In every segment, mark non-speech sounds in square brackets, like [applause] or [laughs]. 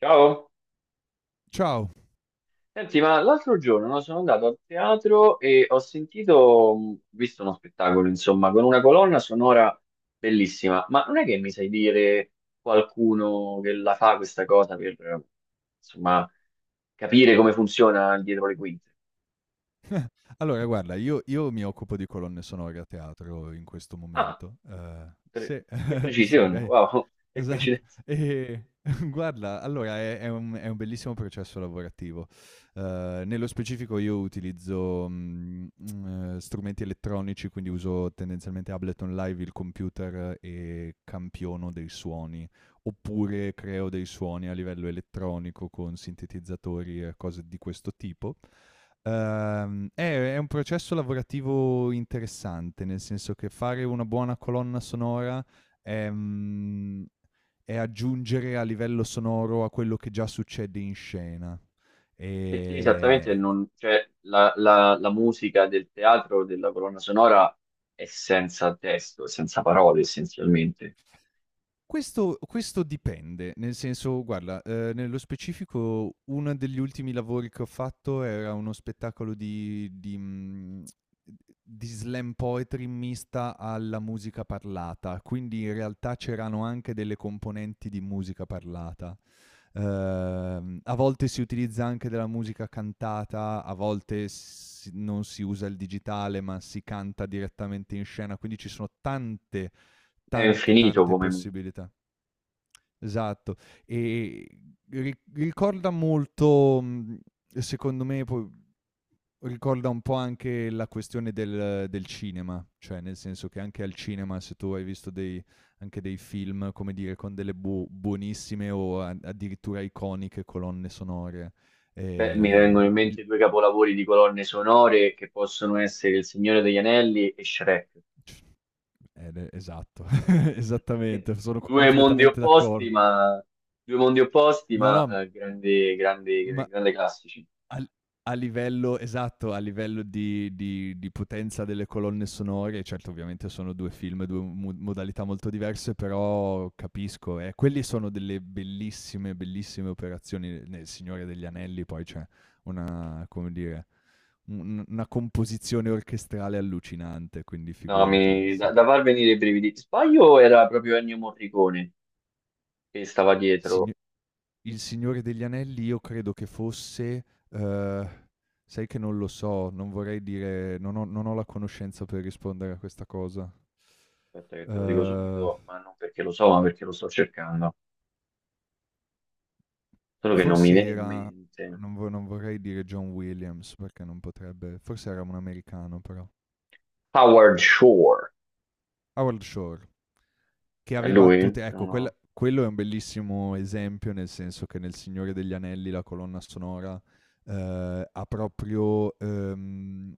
Ciao, Ciao. senti, ma l'altro giorno no, sono andato al teatro e ho sentito, visto uno spettacolo, insomma, con una colonna sonora bellissima, ma non è che mi sai dire qualcuno che la fa questa cosa per, insomma, capire come funziona dietro le quinte? Allora guarda, io mi occupo di colonne sonore a teatro in questo Ah, momento. Pre- Sì, che [laughs] sì, precisione, beh, wow, [laughs] che esatto. coincidenza, Ehm, [laughs] guarda, allora è un bellissimo processo lavorativo. Nello specifico io utilizzo, strumenti elettronici, quindi uso tendenzialmente Ableton Live, il computer e campiono dei suoni, oppure creo dei suoni a livello elettronico con sintetizzatori e cose di questo tipo. Ehm, è, è un processo lavorativo interessante, nel senso che fare una buona colonna sonora è, è aggiungere a livello sonoro a quello che già succede in scena. perché esattamente E non, cioè, la musica del teatro, della colonna sonora è senza testo, è senza parole essenzialmente. questo dipende, nel senso guarda, nello specifico uno degli ultimi lavori che ho fatto era uno spettacolo di di slam poetry mista alla musica parlata, quindi in realtà c'erano anche delle componenti di musica parlata. A volte si utilizza anche della musica cantata, a volte s non si usa il digitale, ma si canta direttamente in scena, quindi ci sono È infinito tante come mondo. possibilità. Esatto. E ri ricorda molto, secondo me po ricorda un po' anche la questione del cinema, cioè nel senso che anche al cinema se tu hai visto dei anche dei film, come dire, con delle buonissime o a addirittura iconiche colonne sonore, Beh, mi vengono in il mente due capolavori di colonne sonore che possono essere Il Signore degli Anelli e Shrek. c ed esatto, [laughs] [laughs] esattamente, sono Due mondi completamente opposti, d'accordo. ma, due mondi opposti, No, no, ma m grandi, grandi, ma grandi classici. Al A livello esatto, a livello di potenza delle colonne sonore, certo ovviamente sono 2 film, 2 mo modalità molto diverse, però capisco, quelli sono delle bellissime operazioni. Nel Signore degli Anelli poi c'è una, come dire, un una composizione orchestrale allucinante, quindi No, figurati, sì. da, da far venire i brividi. Sbaglio era proprio Ennio Morricone che stava Sign dietro. Il Signore degli Anelli io credo che fosse uhm, sai che non lo so, non vorrei dire, non ho la conoscenza per rispondere a questa cosa. Aspetta che te lo dico Uhm, subito, ma non perché lo so, ma perché lo sto cercando. Solo che non mi Forse viene in era, mente. Non vorrei dire John Williams, perché non potrebbe, forse era un americano però. Howard Shore, Howard Shore. Che è aveva lui? tutte, No, ecco, no. quello è un bellissimo esempio, nel senso che nel Signore degli Anelli la colonna sonora, ha proprio,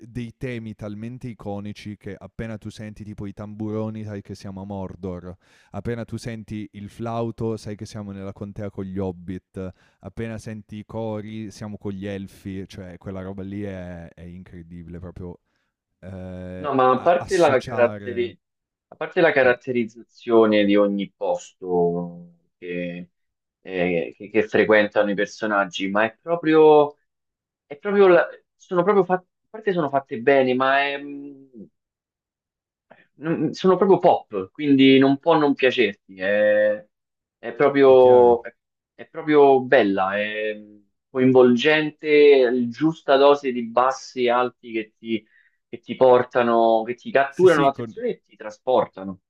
dei temi talmente iconici che appena tu senti tipo i tamburoni sai che siamo a Mordor, appena tu senti il flauto sai che siamo nella contea con gli Hobbit, appena senti i cori siamo con gli Elfi, cioè quella roba lì è incredibile proprio, ehm, No, ma a associare a parte la sì, caratterizzazione di ogni posto che, che frequentano i personaggi, ma è proprio, è proprio la- sono proprio fatte, a parte sono fatte bene, ma è, mm, sono proprio pop, quindi non può non piacerti. È è chiaro. proprio, è, è proprio bella, è coinvolgente, è giusta dose di bassi e alti che ti portano, che ti Sì, catturano sì, con l'attenzione e ti trasportano.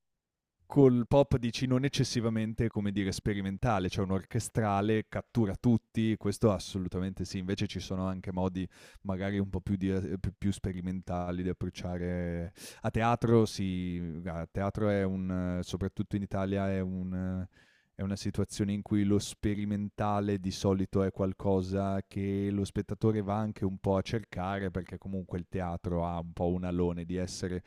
col pop dici non eccessivamente, come dire, sperimentale, cioè un orchestrale, cattura tutti, questo assolutamente sì. Invece ci sono anche modi magari un po' più di più sperimentali di approcciare. A teatro è un, soprattutto in Italia è un è una situazione in cui lo sperimentale di solito è qualcosa che lo spettatore va anche un po' a cercare, perché comunque il teatro ha un po' un alone di essere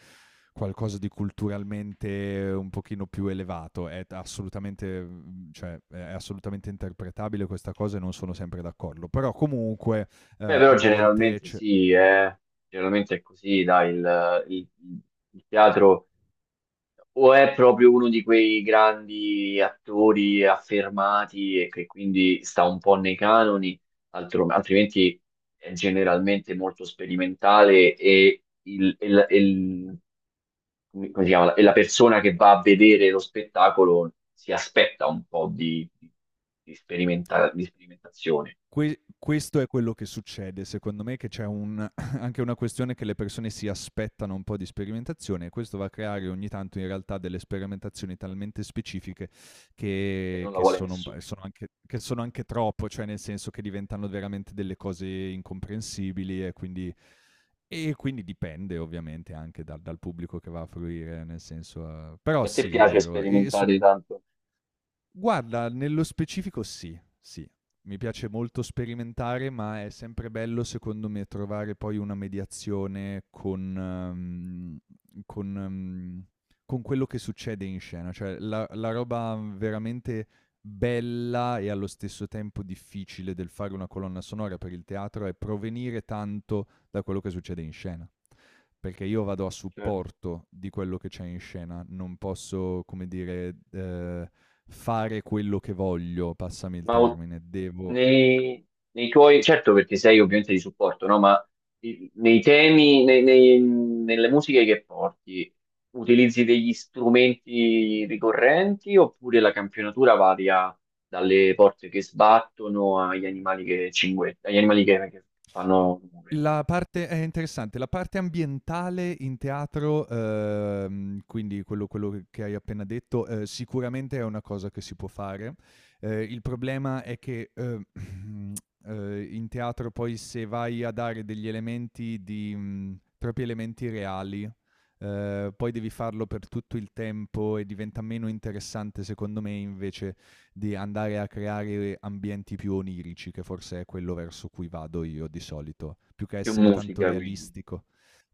qualcosa di culturalmente un pochino più elevato. Cioè, è assolutamente interpretabile questa cosa e non sono sempre d'accordo. Però comunque, Beh, eh, però a volte generalmente c- sì, è, generalmente è così, dai, il teatro. O è proprio uno di quei grandi attori affermati e che quindi sta un po' nei canoni, altrimenti è generalmente molto sperimentale e come si chiama? E la persona che va a vedere lo spettacolo si aspetta un po' di, di sperimentazione questo è quello che succede, secondo me, che c'è un [coughs] [laughs] anche una questione che le persone si aspettano un po' di sperimentazione e questo va a creare ogni tanto in realtà delle sperimentazioni talmente specifiche e che non la che vuole sono un nessuno. p sono anche, che sono anche troppo, cioè nel senso che diventano veramente delle cose incomprensibili e quindi dipende ovviamente anche dal pubblico che va a fruire, nel senso, però E a te sì, è piace vero. E su sperimentare tanto? Guarda, nello specifico sì, sì. Mi piace molto sperimentare, ma è sempre bello secondo me trovare poi una mediazione con con mhmm, con quello che succede in scena. Cioè la roba veramente bella e allo stesso tempo difficile del fare una colonna sonora per il teatro è provenire tanto da quello che succede in scena, perché io vado a Certo. supporto di quello che c'è in scena, non posso, come dire, fare quello che voglio, passami il Ma termine, devo nei, nei tuoi, certo perché sei ovviamente di supporto, no? Ma nei temi, nelle musiche che porti, utilizzi degli strumenti ricorrenti oppure la campionatura varia dalle porte che sbattono agli animali che cinguettano, agli animali che fanno rumore? la parte è interessante, la parte ambientale in teatro, quindi quello che hai appena detto, sicuramente è una cosa che si può fare. Il problema è che [clears throat] in teatro poi se vai a dare degli elementi di, troppi elementi reali, poi devi farlo per tutto il tempo e diventa meno interessante. Secondo me invece di andare a creare ambienti più onirici, che forse è quello verso cui vado io di solito, più che Più essere tanto musica quindi. realistico.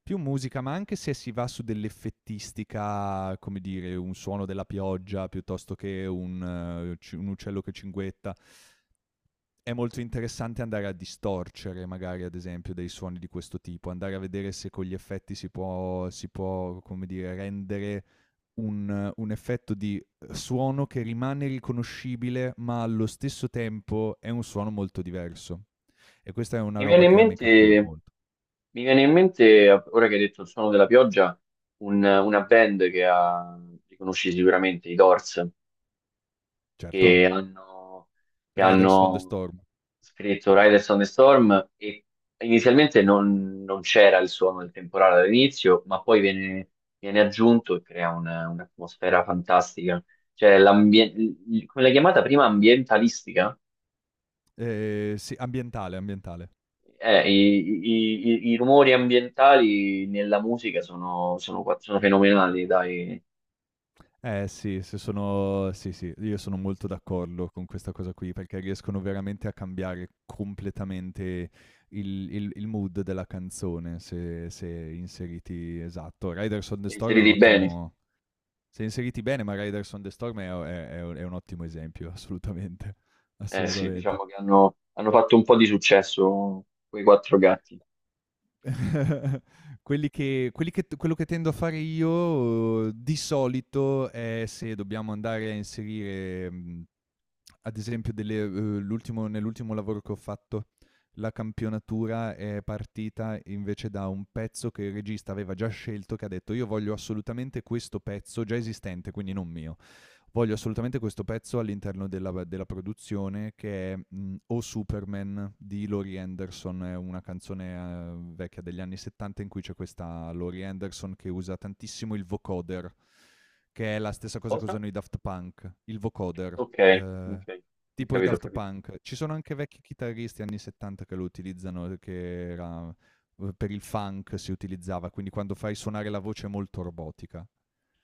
Più musica, ma anche se si va su dell'effettistica, come dire, un suono della pioggia piuttosto che un, un uccello che cinguetta, è molto interessante andare a distorcere magari ad esempio dei suoni di questo tipo, andare a vedere se con gli effetti si può, come dire, rendere un effetto di suono che rimane riconoscibile ma allo stesso tempo è un suono molto diverso. E questa è una Mi viene roba in che a me mente, cattura molto. mi viene in mente, ora che hai detto il suono della pioggia, una band che ha, li conosci sicuramente, i Doors. Certo, Che hanno, che Riders from the hanno Storm. scritto Riders on the Storm e inizialmente non, non c'era il suono del temporale all'inizio, ma poi viene, viene aggiunto e crea un'atmosfera fantastica. Cioè, come l'hai chiamata prima, ambientalistica? Sì, ambientale. I, i rumori ambientali nella musica sono, sono, sono fenomenali, dai, Eh sì, se sono sì, sì, io sono molto d'accordo con questa cosa qui, perché riescono veramente a cambiare completamente il mood della canzone se se inseriti, esatto. Riders on the Storm è un inseriti bene. ottimo, se inseriti bene, ma Riders on the Storm è o è è un ottimo esempio, assolutamente, [laughs] Eh sì, assolutamente. diciamo che hanno, hanno fatto un po' di successo quei quattro gatti. [laughs] Quelli che t Quello che tendo a fare io, di solito è se dobbiamo andare a inserire, ad esempio delle, l'ultimo nell'ultimo lavoro che ho fatto, la campionatura è partita invece da un pezzo che il regista aveva già scelto, che ha detto: "Io voglio assolutamente questo pezzo", già esistente, quindi non mio. Voglio assolutamente questo pezzo all'interno della produzione, che è, "O Superman" di Laurie Anderson, è una canzone, vecchia degli anni '70, in cui c'è questa Laurie Anderson che usa tantissimo il vocoder, che è la stessa cosa che Cosa? usano i Daft Punk, il vocoder. Ok, ok, Ehm, ho tipo i capito, ho Daft capito. Punk. Ci sono anche vecchi chitarristi anni '70 che lo utilizzano, per il funk si utilizzava, quindi quando fai suonare la voce molto robotica.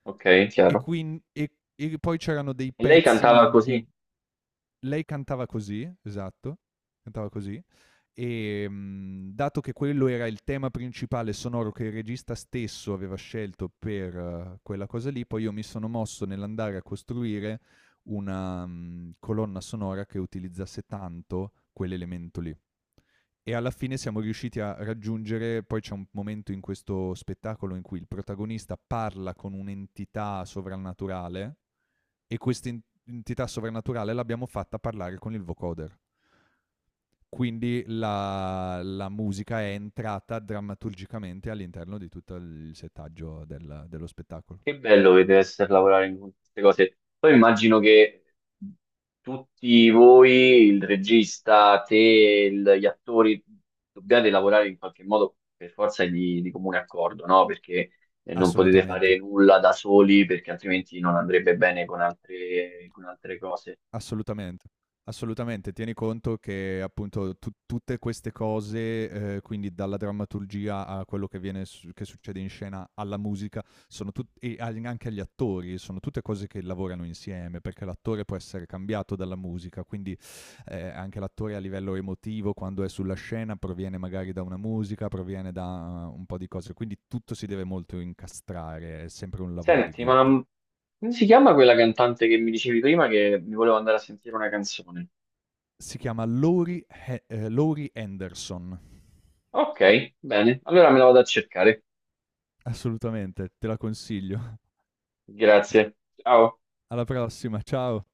Ok, E chiaro. quin e poi c'erano dei E lei pezzi cantava in cui così. lei cantava così, esatto, cantava così, e, dato che quello era il tema principale sonoro che il regista stesso aveva scelto per, quella cosa lì, poi io mi sono mosso nell'andare a costruire una, colonna sonora che utilizzasse tanto quell'elemento lì. E alla fine siamo riusciti a raggiungere, poi c'è un momento in questo spettacolo in cui il protagonista parla con un'entità sovrannaturale, e questa entità sovrannaturale l'abbiamo fatta parlare con il vocoder. Quindi la, la musica è entrata drammaturgicamente all'interno di tutto il settaggio dello spettacolo. Che bello che deve essere lavorare in queste cose. Poi immagino che tutti voi, il regista, te, gli attori, dobbiate lavorare in qualche modo per forza di comune accordo, no? Perché non potete fare Assolutamente. nulla da soli, perché altrimenti non andrebbe bene con altre cose. Assolutamente, assolutamente. Tieni conto che appunto tu tutte queste cose, quindi dalla drammaturgia a quello che viene s che succede in scena, alla musica, sono tut e agli anche agli attori, sono tutte cose che lavorano insieme, perché l'attore può essere cambiato dalla musica, quindi, anche l'attore a livello emotivo quando è sulla scena proviene magari da una musica, proviene da un po' di cose, quindi tutto si deve molto incastrare, è sempre un lavoro di Senti, ma gruppo. Come si chiama quella cantante che mi dicevi prima che mi voleva andare a sentire una canzone? Si chiama Laurie Henderson. Ok, bene. Allora me la vado a cercare. Assolutamente, te la consiglio. Grazie. Ciao. Alla prossima, ciao!